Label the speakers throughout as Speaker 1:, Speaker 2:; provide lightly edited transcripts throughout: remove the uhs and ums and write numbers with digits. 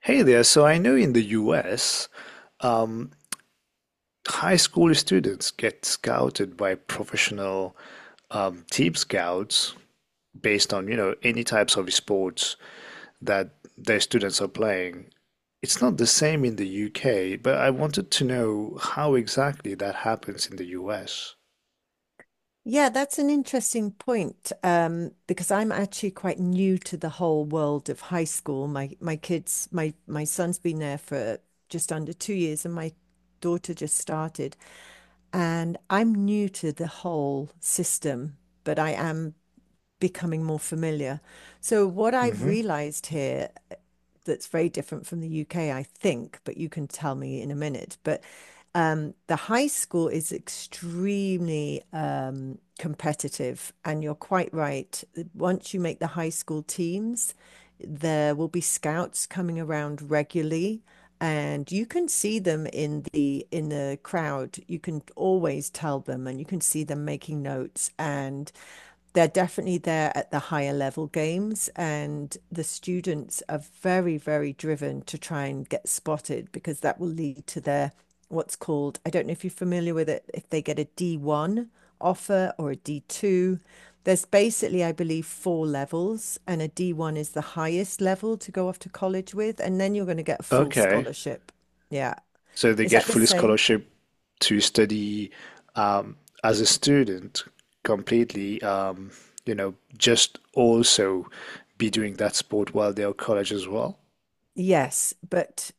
Speaker 1: Hey there. So I know in the US, um, high school students get scouted by professional team scouts based on, you know, any types of sports that their students are playing. It's not the same in the UK, but I wanted to know how exactly that happens in the US.
Speaker 2: Yeah, that's an interesting point, because I'm actually quite new to the whole world of high school. My kids, my son's been there for just under 2 years, and my daughter just started. And I'm new to the whole system, but I am becoming more familiar. So, what I've
Speaker 1: Hmm.
Speaker 2: realized here, that's very different from the UK, I think, but you can tell me in a minute. But the high school is extremely competitive, and you're quite right. Once you make the high school teams, there will be scouts coming around regularly. And you can see them in the crowd. You can always tell them, and you can see them making notes. And they're definitely there at the higher level games, and the students are very very driven to try and get spotted, because that will lead to their, what's called, I don't know if you're familiar with it, if they get a D1 offer or a D2. There's basically, I believe, four levels, and a D1 is the highest level to go off to college with, and then you're going to get a full
Speaker 1: Okay.
Speaker 2: scholarship. Yeah.
Speaker 1: So they
Speaker 2: Is
Speaker 1: get
Speaker 2: that the
Speaker 1: full
Speaker 2: same?
Speaker 1: scholarship to study um, as a student completely, you know, just also be doing that sport while they're at college as well.
Speaker 2: Yes, but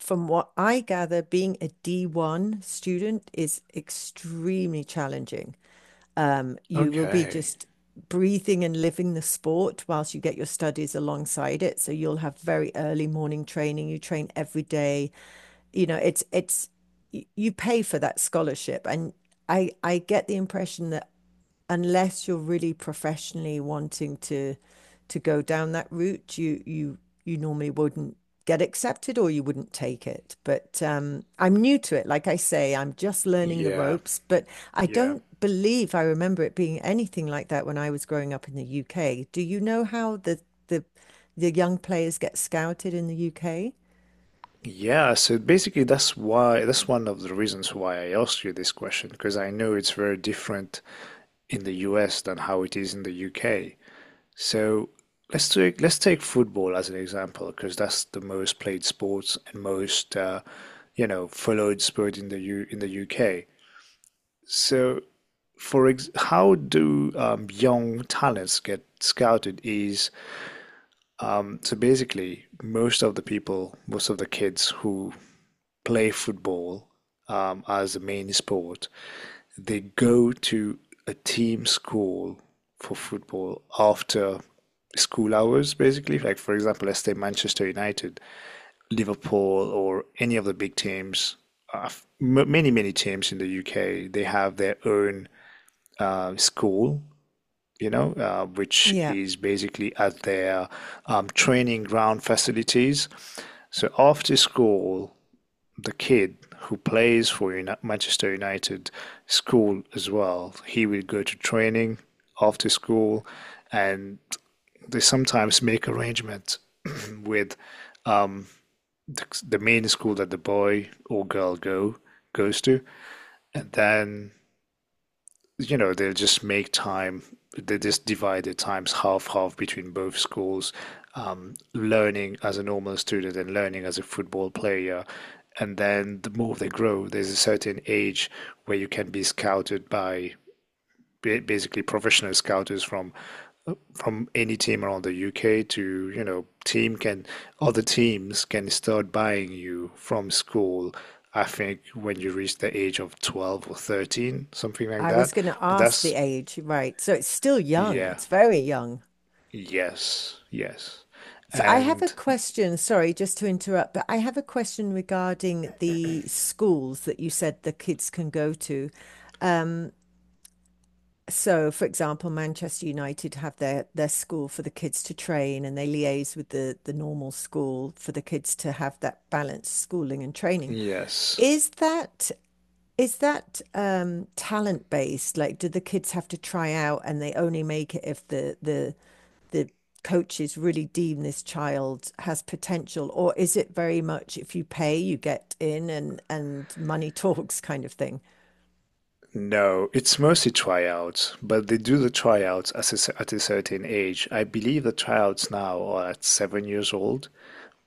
Speaker 2: from what I gather, being a D1 student is extremely challenging. You will be
Speaker 1: Okay.
Speaker 2: just breathing and living the sport whilst you get your studies alongside it. So you'll have very early morning training. You train every day. You know, it's You pay for that scholarship, and I get the impression that unless you're really professionally wanting to go down that route, you normally wouldn't get accepted or you wouldn't take it. But I'm new to it. Like I say, I'm just learning the
Speaker 1: Yeah.
Speaker 2: ropes, but I
Speaker 1: Yeah.
Speaker 2: don't believe I remember it being anything like that when I was growing up in the UK. Do you know how the the young players get scouted in the UK?
Speaker 1: Yeah. So basically, that's one of the reasons why I asked you this question, because I know it's very different in the US than how it is in the UK. So let's take football as an example because that's the most played sports and most you know, followed sport in the UK. So for ex how do young talents get scouted is so basically most of the kids who play football as the main sport, they go to a team school for football after school hours, basically. Like, for example, let's say Manchester United, Liverpool, or any of the big teams, uh, many, many teams in the UK, they have their own school, you know, which
Speaker 2: Yeah,
Speaker 1: is basically at their training ground facilities. So after school, the kid who plays for Manchester United school as well. He would go to training after school, and they sometimes make arrangements with um, the main school that the boy or girl go goes to, and then you know, they'll just make time, they just divide the times half half between both schools, learning as a normal student and learning as a football player. And then the more they grow, there's a certain age where you can be scouted by basically professional scouters from any team around the UK to, you know, team can other teams can start buying you from school. I think when you reach the age of 12 or 13, something like
Speaker 2: I was
Speaker 1: that.
Speaker 2: going to
Speaker 1: But
Speaker 2: ask the age, right. So it's still young.
Speaker 1: yeah,
Speaker 2: It's very young.
Speaker 1: yes, yes,
Speaker 2: So I have a
Speaker 1: and
Speaker 2: question. Sorry, just to interrupt, but I have a question regarding the schools that you said the kids can go to. So, for example, Manchester United have their school for the kids to train, and they liaise with the normal school for the kids to have that balanced schooling and training.
Speaker 1: yes.
Speaker 2: Is that is that talent based? Like, do the kids have to try out and they only make it if the coaches really deem this child has potential? Or is it very much if you pay you get in, and money talks, kind of thing?
Speaker 1: No, it's mostly tryouts, but they do the tryouts at at a certain age. I believe the tryouts now are at 7 years old,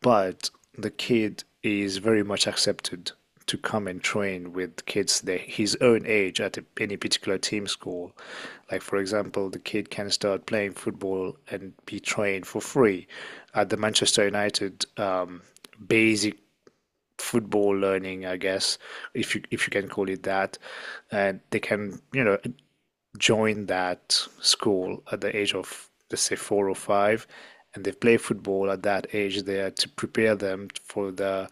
Speaker 1: but the kid is very much accepted to come and train with kids his own age at any particular team school. Like, for example, the kid can start playing football and be trained for free at the Manchester United basic football learning, I guess, if you can call it that. And they can, you know, joined that school at the age of, let's say, four or five, and they play football at that age there to prepare them for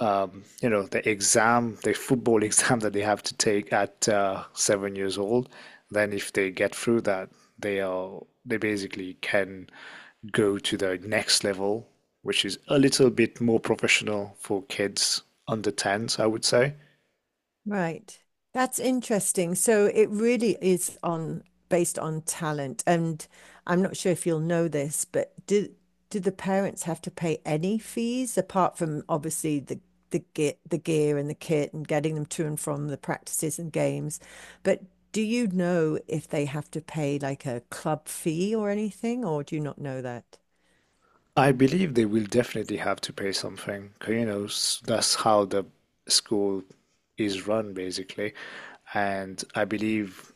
Speaker 1: you know, the football exam that they have to take at 7 years old. Then, if they get through that, they basically can go to the next level, which is a little bit more professional for kids under 10s, I would say.
Speaker 2: Right. That's interesting. So it really is on based on talent. And I'm not sure if you'll know this, but do the parents have to pay any fees apart from obviously the, the gear and the kit and getting them to and from the practices and games? But do you know if they have to pay like a club fee or anything, or do you not know that?
Speaker 1: I believe they will definitely have to pay something. 'Cause, you know, that's how the school is run, basically. And I believe,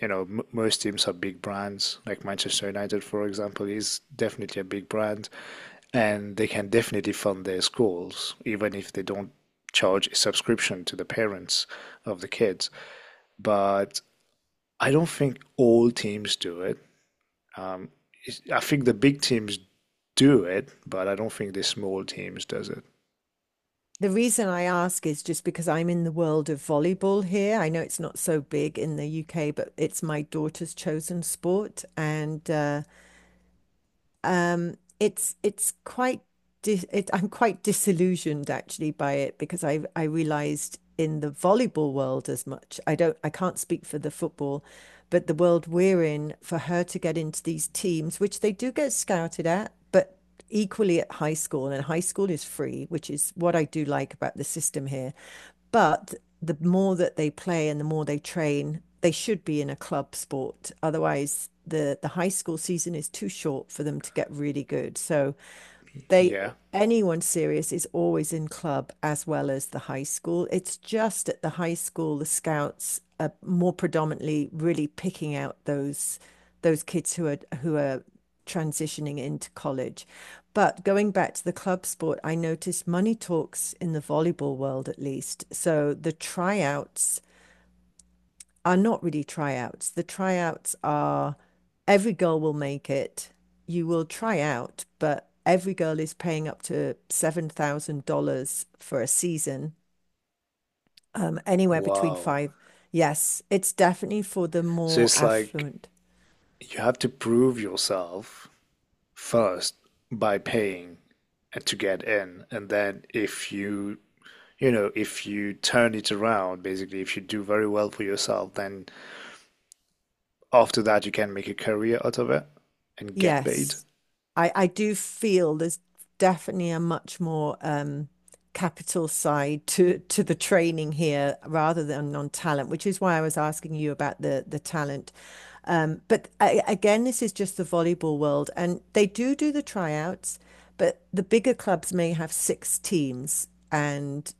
Speaker 1: you know, m most teams are big brands. Like Manchester United, for example, is definitely a big brand, and they can definitely fund their schools, even if they don't charge a subscription to the parents of the kids. But I don't think all teams do it. Um, I think the big teams do it, but I don't think the small teams does it.
Speaker 2: The reason I ask is just because I'm in the world of volleyball here. I know it's not so big in the UK, but it's my daughter's chosen sport. And it's quite dis it, I'm quite disillusioned actually by it, because I realized in the volleyball world as much. I don't, I can't speak for the football, but the world we're in, for her to get into these teams, which they do get scouted at, but equally at high school, and high school is free, which is what I do like about the system here. But the more that they play and the more they train, they should be in a club sport. Otherwise, the high school season is too short for them to get really good. So they
Speaker 1: Yeah.
Speaker 2: anyone serious is always in club as well as the high school. It's just at the high school the scouts are more predominantly really picking out those kids who are transitioning into college. But going back to the club sport, I noticed money talks in the volleyball world at least. So the tryouts are not really tryouts. The tryouts are, every girl will make it. You will try out, but every girl is paying up to $7,000 for a season, anywhere between
Speaker 1: Wow.
Speaker 2: five. Yes, it's definitely for the
Speaker 1: So
Speaker 2: more
Speaker 1: it's like
Speaker 2: affluent.
Speaker 1: you have to prove yourself first by paying to get in, and then if you you know, if you turn it around, basically if you do very well for yourself, then after that you can make a career out of it and get paid.
Speaker 2: Yes. I do feel there's definitely a much more, capital side to the training here rather than on talent, which is why I was asking you about the talent. But I, again, this is just the volleyball world, and they do do the tryouts, but the bigger clubs may have six teams, and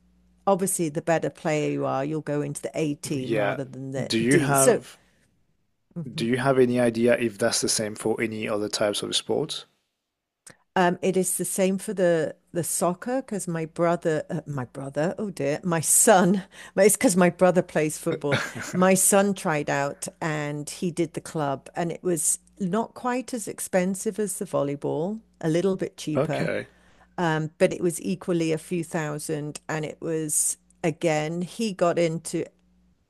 Speaker 2: obviously, the better player you are, you'll go into the A team
Speaker 1: Yeah.
Speaker 2: rather than the
Speaker 1: Do you
Speaker 2: D. So.
Speaker 1: have do
Speaker 2: Mhm.
Speaker 1: you have any idea if that's the same for any other types of sports?
Speaker 2: It is the same for the soccer, because my brother, oh dear, my son. It's because my brother plays football. My son tried out and he did the club, and it was not quite as expensive as the volleyball, a little bit cheaper,
Speaker 1: Okay.
Speaker 2: but it was equally a few thousand, and it was, again, he got into,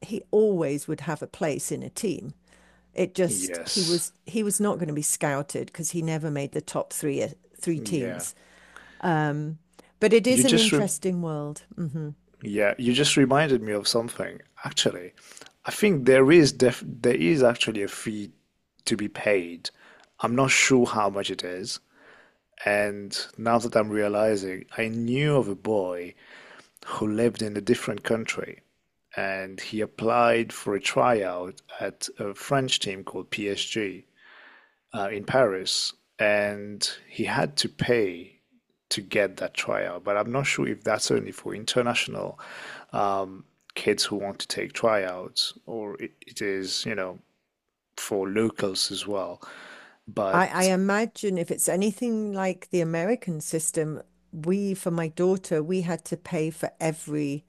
Speaker 2: he always would have a place in a team. It just, he
Speaker 1: Yes.
Speaker 2: was he was not going to be scouted because he never made the top three, three
Speaker 1: Yeah.
Speaker 2: teams. But it is
Speaker 1: You
Speaker 2: an
Speaker 1: just re
Speaker 2: interesting world. Hmm.
Speaker 1: Yeah, you just reminded me of something. Actually, I think there is actually a fee to be paid. I'm not sure how much it is. And now that I'm realizing, I knew of a boy who lived in a different country and he applied for a tryout at a French team called PSG, in Paris, and he had to pay to get that trial. But I'm not sure if that's only for international um, kids who want to take tryouts or it is, you know, for locals as well.
Speaker 2: I
Speaker 1: But
Speaker 2: imagine if it's anything like the American system, we, for my daughter, we had to pay for every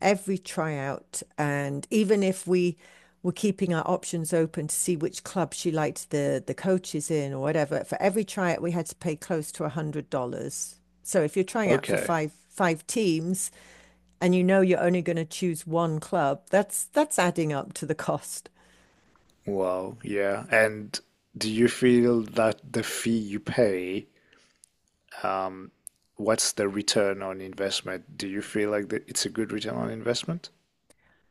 Speaker 2: every tryout. And even if we were keeping our options open to see which club she liked the coaches in or whatever, for every tryout we had to pay close to $100. So if you're trying out for
Speaker 1: okay,
Speaker 2: five teams, and you know you're only going to choose one club, that's adding up to the cost.
Speaker 1: well, yeah. And do you feel that the fee you pay, um, what's the return on investment? Do you feel like that it's a good return on investment?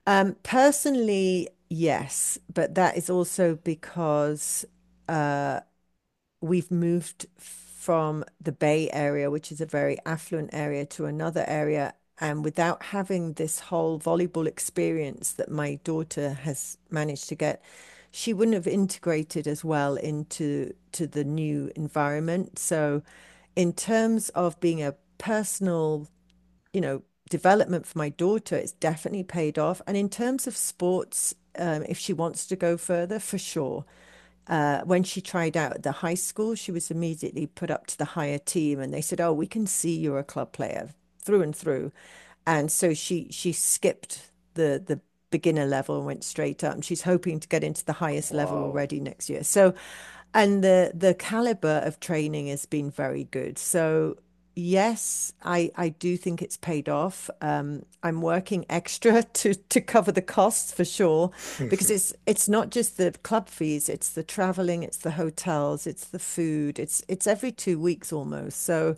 Speaker 2: Personally, yes, but that is also because, uh, we've moved from the Bay Area, which is a very affluent area, to another area. And without having this whole volleyball experience that my daughter has managed to get, she wouldn't have integrated as well into to the new environment. So, in terms of being a personal, you know, development for my daughter, it's definitely paid off. And in terms of sports, if she wants to go further, for sure. When she tried out at the high school, she was immediately put up to the higher team, and they said, "Oh, we can see you're a club player through and through." And so she skipped the beginner level and went straight up. And she's hoping to get into the highest level
Speaker 1: Wow.
Speaker 2: already next year. So, and the caliber of training has been very good. So, yes, I do think it's paid off. I'm working extra to cover the costs for sure, because it's not just the club fees, it's the traveling, it's the hotels, it's the food, it's every 2 weeks almost. So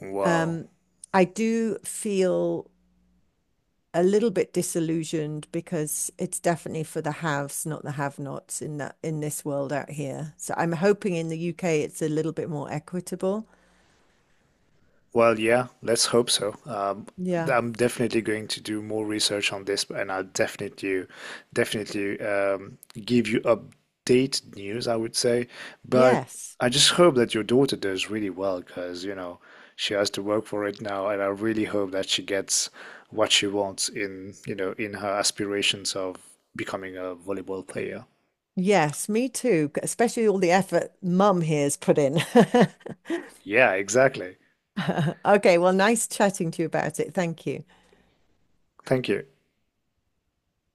Speaker 1: Wow.
Speaker 2: um, I do feel a little bit disillusioned because it's definitely for the haves, not the have-nots, in that in this world out here. So I'm hoping in the UK it's a little bit more equitable.
Speaker 1: Well, yeah, let's hope so.
Speaker 2: Yeah.
Speaker 1: I'm definitely going to do more research on this, and definitely give you update news, I would say. But
Speaker 2: Yes.
Speaker 1: I just hope that your daughter does really well, because you know she has to work for it now, and I really hope that she gets what she wants in, you know, in her aspirations of becoming a volleyball player.
Speaker 2: Yes, me too, especially all the effort mum here's put in.
Speaker 1: Yeah, exactly.
Speaker 2: Okay, well, nice chatting to you about it. Thank you.
Speaker 1: Thank you.